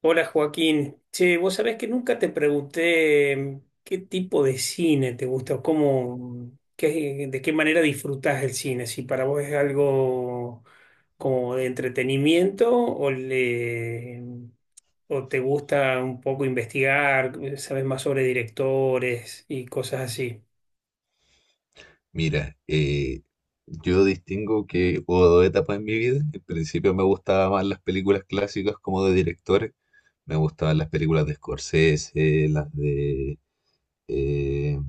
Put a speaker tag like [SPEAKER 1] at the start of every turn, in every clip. [SPEAKER 1] Hola Joaquín, che, vos sabés que nunca te pregunté qué tipo de cine te gusta o cómo, de qué manera disfrutás el cine, si para vos es algo como de entretenimiento o te gusta un poco investigar, sabes más sobre directores y cosas así.
[SPEAKER 2] Mira, yo distingo que hubo dos etapas en mi vida. En principio me gustaban más las películas clásicas como de directores. Me gustaban las películas de Scorsese, las de... eh,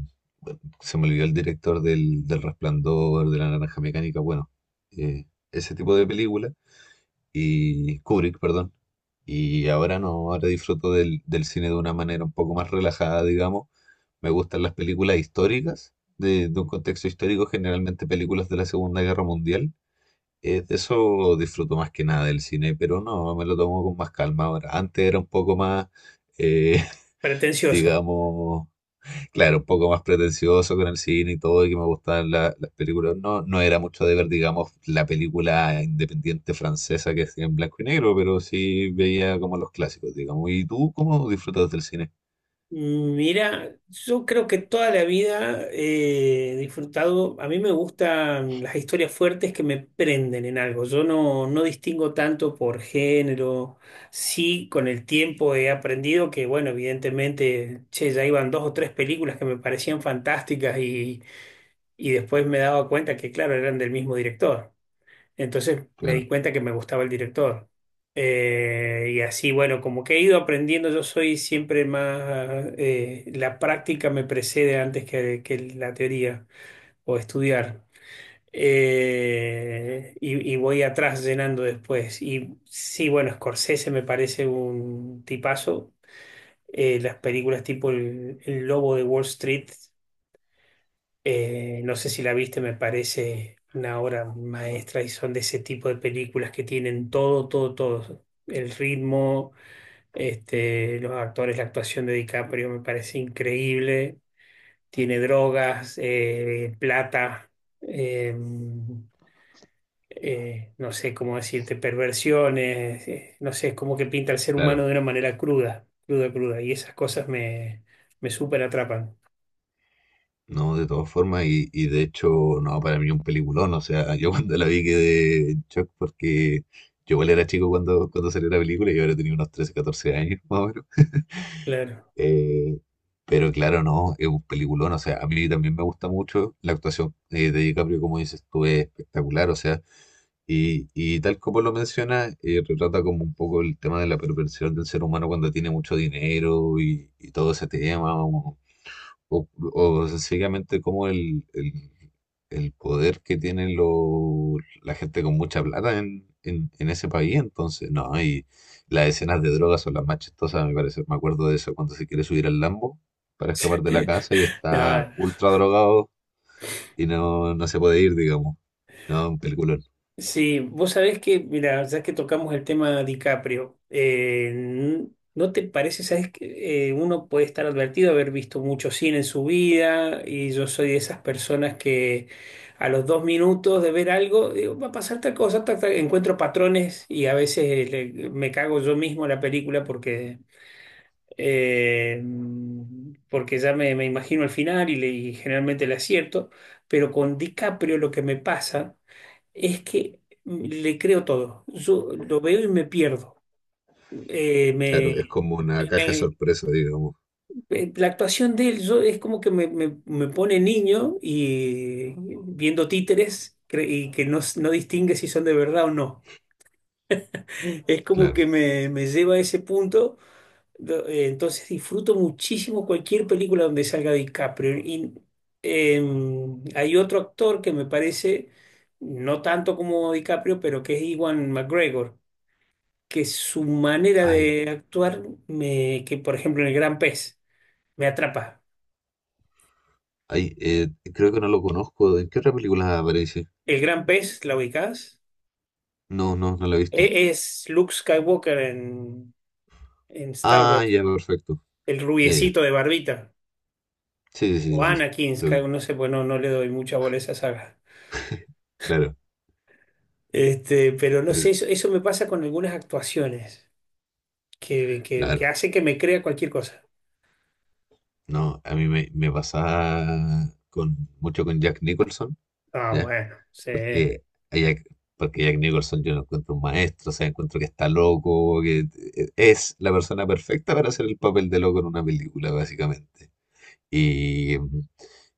[SPEAKER 2] se me olvidó el director del Resplandor, de La Naranja Mecánica, bueno, eh, ese tipo de películas. Y Kubrick, perdón. Y ahora no, ahora disfruto del cine de una manera un poco más relajada, digamos, me gustan las películas históricas, de un contexto histórico, generalmente películas de la Segunda Guerra Mundial. De eso disfruto más que nada del cine, pero no, me lo tomo con más calma ahora. Antes era un poco más, eh,
[SPEAKER 1] Pretencioso.
[SPEAKER 2] digamos, claro, un poco más pretencioso con el cine y todo, y que me gustaban las películas. No, no era mucho de ver, digamos, la película independiente francesa que es en blanco y negro, pero sí veía como los clásicos, digamos. ¿Y tú cómo disfrutas del cine?
[SPEAKER 1] Mira, yo creo que toda la vida he disfrutado, a mí me gustan las historias fuertes que me prenden en algo, yo no distingo tanto por género, sí con el tiempo he aprendido que, bueno, evidentemente, che, ya iban dos o tres películas que me parecían fantásticas y después me daba cuenta que, claro, eran del mismo director. Entonces me di
[SPEAKER 2] Claro,
[SPEAKER 1] cuenta que me gustaba el director. Y así, bueno, como que he ido aprendiendo, yo soy siempre más, la práctica me precede antes que la teoría o estudiar. Y voy atrás llenando después. Y sí, bueno, Scorsese me parece un tipazo. Las películas tipo El Lobo de Wall Street no sé si la viste, me parece una obra maestra y son de ese tipo de películas que tienen todo, todo, todo. El ritmo, este, los actores, la actuación de DiCaprio me parece increíble. Tiene drogas, plata, eh, no sé cómo decirte, perversiones, no sé, es como que pinta al ser humano
[SPEAKER 2] claro.
[SPEAKER 1] de una manera cruda, cruda, cruda. Y esas cosas me súper atrapan.
[SPEAKER 2] No, de todas formas, y de hecho, no, para mí un peliculón, o sea, yo cuando la vi quedé en shock porque yo igual era chico cuando, cuando salió la película, yo ahora tenía unos 13 14 años más o menos.
[SPEAKER 1] Claro.
[SPEAKER 2] Eh, pero claro, no, es un peliculón, o sea, a mí también me gusta mucho la actuación de DiCaprio, como dices tú, es espectacular, o sea, y tal como lo menciona, retrata como un poco el tema de la perversión del ser humano cuando tiene mucho dinero y todo ese tema, o sencillamente como el poder que tienen la gente con mucha plata en, en ese país. Entonces, no, y las escenas de drogas son las más chistosas, me parece. Me acuerdo de eso cuando se quiere subir al Lambo para escapar de la casa y está
[SPEAKER 1] No.
[SPEAKER 2] ultra drogado y no, no se puede ir, digamos. No, un peliculón.
[SPEAKER 1] Sí, vos sabés que, mira, ya que tocamos el tema DiCaprio, ¿no te parece? Sabes que uno puede estar advertido de haber visto mucho cine en su vida y yo soy de esas personas que a los dos minutos de ver algo, digo, va a pasar tal cosa, tal, tal", encuentro patrones y a veces me cago yo mismo en la película eh, porque me imagino el final y generalmente le acierto, pero con DiCaprio lo que me pasa es que le creo todo. Yo lo veo y me pierdo. Eh,
[SPEAKER 2] Claro, es
[SPEAKER 1] me,
[SPEAKER 2] como una
[SPEAKER 1] me-
[SPEAKER 2] caja de
[SPEAKER 1] me-
[SPEAKER 2] sorpresa, digamos.
[SPEAKER 1] la actuación de él yo, es como que me pone niño y viendo títeres y que no, no distingue si son de verdad o no. Es como
[SPEAKER 2] Claro.
[SPEAKER 1] que me lleva a ese punto. Entonces disfruto muchísimo cualquier película donde salga DiCaprio. Y hay otro actor que me parece, no tanto como DiCaprio, pero que es Iwan McGregor que su manera
[SPEAKER 2] Ay,
[SPEAKER 1] de actuar me, que por ejemplo en el Gran Pez, me atrapa.
[SPEAKER 2] ay, creo que no lo conozco. ¿En qué otra película aparece?
[SPEAKER 1] El Gran Pez, ¿la ubicás?
[SPEAKER 2] No, no, no la he visto.
[SPEAKER 1] Es Luke Skywalker en Star
[SPEAKER 2] Ah,
[SPEAKER 1] Wars,
[SPEAKER 2] ya, perfecto.
[SPEAKER 1] el
[SPEAKER 2] Ya, ya.
[SPEAKER 1] rubiecito de barbita,
[SPEAKER 2] Sí, sí,
[SPEAKER 1] o
[SPEAKER 2] sí, sí, sí.
[SPEAKER 1] Anakin
[SPEAKER 2] Lo
[SPEAKER 1] Skywalker, no
[SPEAKER 2] ubico.
[SPEAKER 1] sé, pues no, no le doy mucha bola a esa saga.
[SPEAKER 2] Claro.
[SPEAKER 1] Este, pero no
[SPEAKER 2] Pero,
[SPEAKER 1] sé, eso me pasa con algunas actuaciones que
[SPEAKER 2] claro.
[SPEAKER 1] hace que me crea cualquier cosa.
[SPEAKER 2] No, a mí me, me pasaba con, mucho con Jack Nicholson,
[SPEAKER 1] Ah,
[SPEAKER 2] ¿ya?
[SPEAKER 1] bueno, sí.
[SPEAKER 2] Porque a Jack, porque Jack Nicholson yo lo encuentro un maestro, o sea, encuentro que está loco, que es la persona perfecta para hacer el papel de loco en una película, básicamente. Y,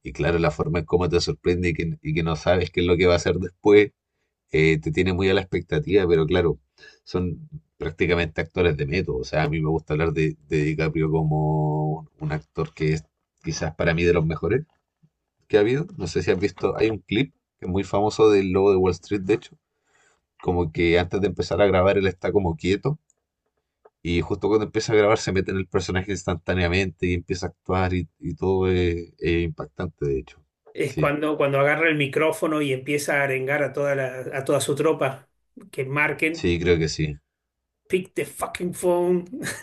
[SPEAKER 2] y claro, la forma en cómo te sorprende y que no sabes qué es lo que va a hacer después. Te tiene muy a la expectativa, pero claro, son prácticamente actores de método. O sea, a mí me gusta hablar de DiCaprio como un actor que es quizás para mí de los mejores que ha habido. No sé si has visto, hay un clip que es muy famoso del lobo de Wall Street, de hecho, como que antes de empezar a grabar él está como quieto y justo cuando empieza a grabar se mete en el personaje instantáneamente y empieza a actuar y todo es impactante, de hecho.
[SPEAKER 1] Es
[SPEAKER 2] Sí,
[SPEAKER 1] cuando agarra el micrófono y empieza a arengar a a toda su tropa que marquen.
[SPEAKER 2] sí, creo que sí,
[SPEAKER 1] Pick the fucking phone.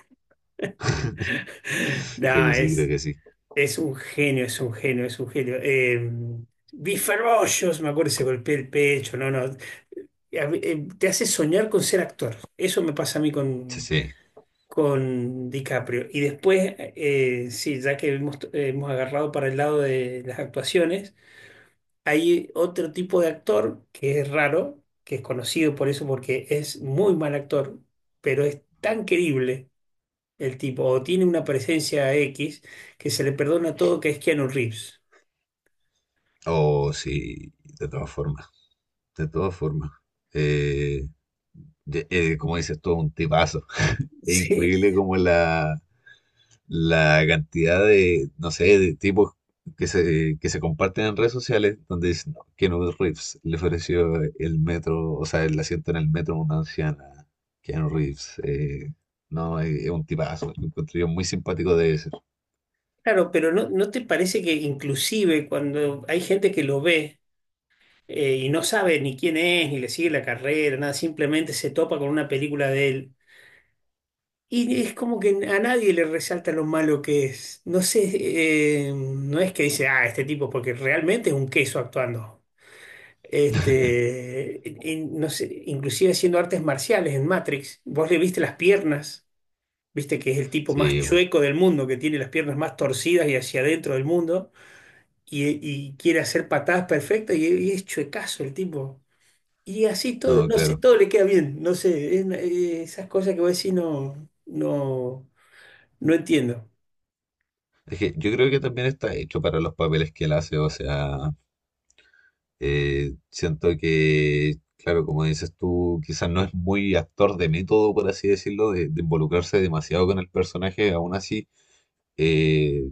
[SPEAKER 2] creo que
[SPEAKER 1] Nah,
[SPEAKER 2] sí, creo que sí.
[SPEAKER 1] es un genio, es un genio, es un genio. Vi Ferocious, me acuerdo, se golpeó el pecho, no, no. A mí, te hace soñar con ser actor. Eso me pasa a mí
[SPEAKER 2] Sí, sí.
[SPEAKER 1] con DiCaprio. Y después, sí, ya que hemos agarrado para el lado de las actuaciones, hay otro tipo de actor que es raro, que es conocido por eso porque es muy mal actor, pero es tan querible el tipo, o tiene una presencia X que se le perdona todo, que es Keanu Reeves.
[SPEAKER 2] Oh, sí, de todas formas, de todas formas. Eh, Como dices tú, un tipazo. Es
[SPEAKER 1] Sí,
[SPEAKER 2] increíble como la cantidad de, no sé, de tipos que se comparten en redes sociales donde dicen, no, Keanu Reeves le ofreció el metro, o sea, el asiento en el metro a una anciana. Keanu Reeves, no, es un tipazo, lo encuentro yo muy simpático de ese.
[SPEAKER 1] claro, pero no te parece que inclusive cuando hay gente que lo ve y no sabe ni quién es, ni le sigue la carrera, nada, simplemente se topa con una película de él y es como que a nadie le resalta lo malo que es? No sé, no es que dice, ah, este tipo, porque realmente es un queso actuando. Este, y no sé, inclusive haciendo artes marciales en Matrix, vos le viste las piernas, viste que es el tipo más
[SPEAKER 2] Sí, po.
[SPEAKER 1] chueco del mundo, que tiene las piernas más torcidas y hacia adentro del mundo, y quiere hacer patadas perfectas y es chuecazo el tipo. Y así todo,
[SPEAKER 2] No,
[SPEAKER 1] no sé,
[SPEAKER 2] claro.
[SPEAKER 1] todo le queda bien, no sé, es esas cosas que voy a decir no entiendo.
[SPEAKER 2] Es que yo creo que también está hecho para los papeles que él hace, o sea, siento que, claro, como dices tú, quizás no es muy actor de método, por así decirlo, de involucrarse demasiado con el personaje, aún así, eh,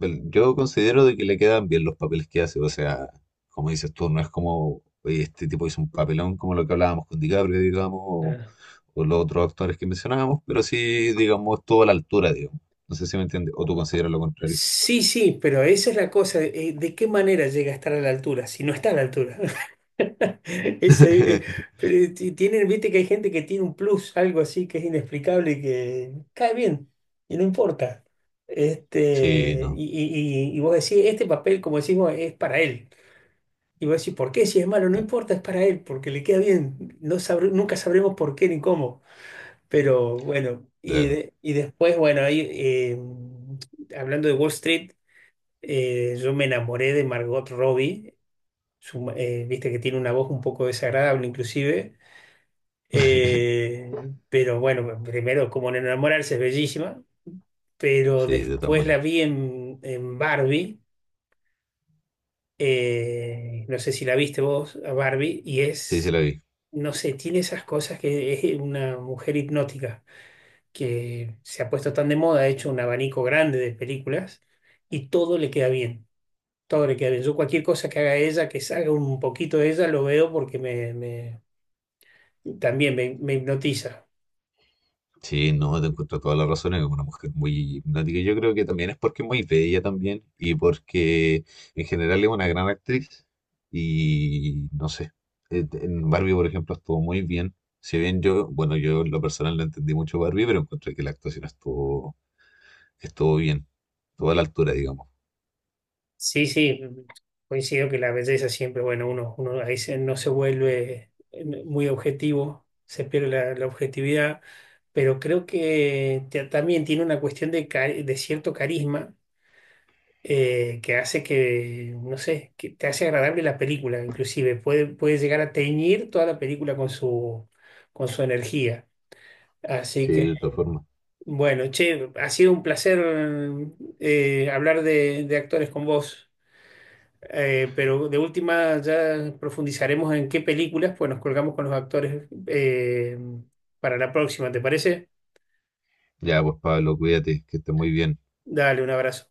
[SPEAKER 2] yo considero de que le quedan bien los papeles que hace, o sea, como dices tú, no es como, oye, este tipo hizo un papelón como lo que hablábamos con DiCaprio, digamos,
[SPEAKER 1] Claro.
[SPEAKER 2] o los otros actores que mencionábamos, pero sí, digamos, estuvo a la altura, digamos. No sé si me entiendes, o tú consideras lo contrario.
[SPEAKER 1] Sí, sí, pero esa es la cosa, ¿de qué manera llega a estar a la altura si no está a la altura? Ese, tienen, viste que hay gente que tiene un plus, algo así que es inexplicable y que cae bien y no importa.
[SPEAKER 2] Sí,
[SPEAKER 1] Este,
[SPEAKER 2] no,
[SPEAKER 1] y vos decís, este papel, como decimos, es para él. Y vos decís, ¿por qué? Si es malo, no
[SPEAKER 2] claro,
[SPEAKER 1] importa, es para él, porque le queda bien. Nunca sabremos por qué ni cómo. Pero bueno,
[SPEAKER 2] claro.
[SPEAKER 1] y después, bueno, ahí, hablando de Wall Street, yo me enamoré de Margot Robbie, viste que tiene una voz un poco desagradable inclusive, pero bueno, primero como en enamorarse es bellísima, pero
[SPEAKER 2] Sí, de todas
[SPEAKER 1] después la
[SPEAKER 2] maneras.
[SPEAKER 1] vi en Barbie, no sé si la viste vos a Barbie, y
[SPEAKER 2] Sí, se
[SPEAKER 1] es,
[SPEAKER 2] la vi.
[SPEAKER 1] no sé, tiene esas cosas que es una mujer hipnótica, que se ha puesto tan de moda, ha hecho un abanico grande de películas y todo le queda bien. Todo le queda bien. Yo cualquier cosa que haga ella, que salga un poquito de ella, lo veo porque también me hipnotiza.
[SPEAKER 2] Sí, no, te encuentro toda la razón, es una mujer muy hipnótica. Y yo creo que también es porque es muy bella también y porque en general es una gran actriz y no sé, en Barbie, por ejemplo, estuvo muy bien. Si bien yo, bueno, yo en lo personal no entendí mucho Barbie, pero encontré que la actuación estuvo, estuvo bien, estuvo a la altura, digamos.
[SPEAKER 1] Sí, sí, coincido que la belleza siempre, bueno, uno, uno ahí no se vuelve muy objetivo, se pierde la objetividad, pero creo que también tiene una cuestión de, de cierto carisma que hace que, no sé, que te hace agradable la película, inclusive puede llegar a teñir toda la película con su energía. Así
[SPEAKER 2] Sí,
[SPEAKER 1] que,
[SPEAKER 2] de todas formas.
[SPEAKER 1] bueno, che, ha sido un placer hablar de actores con vos. Pero de última ya profundizaremos en qué películas, pues nos colgamos con los actores para la próxima, ¿te parece?
[SPEAKER 2] Ya, pues Pablo, cuídate, que estés muy bien.
[SPEAKER 1] Dale, un abrazo.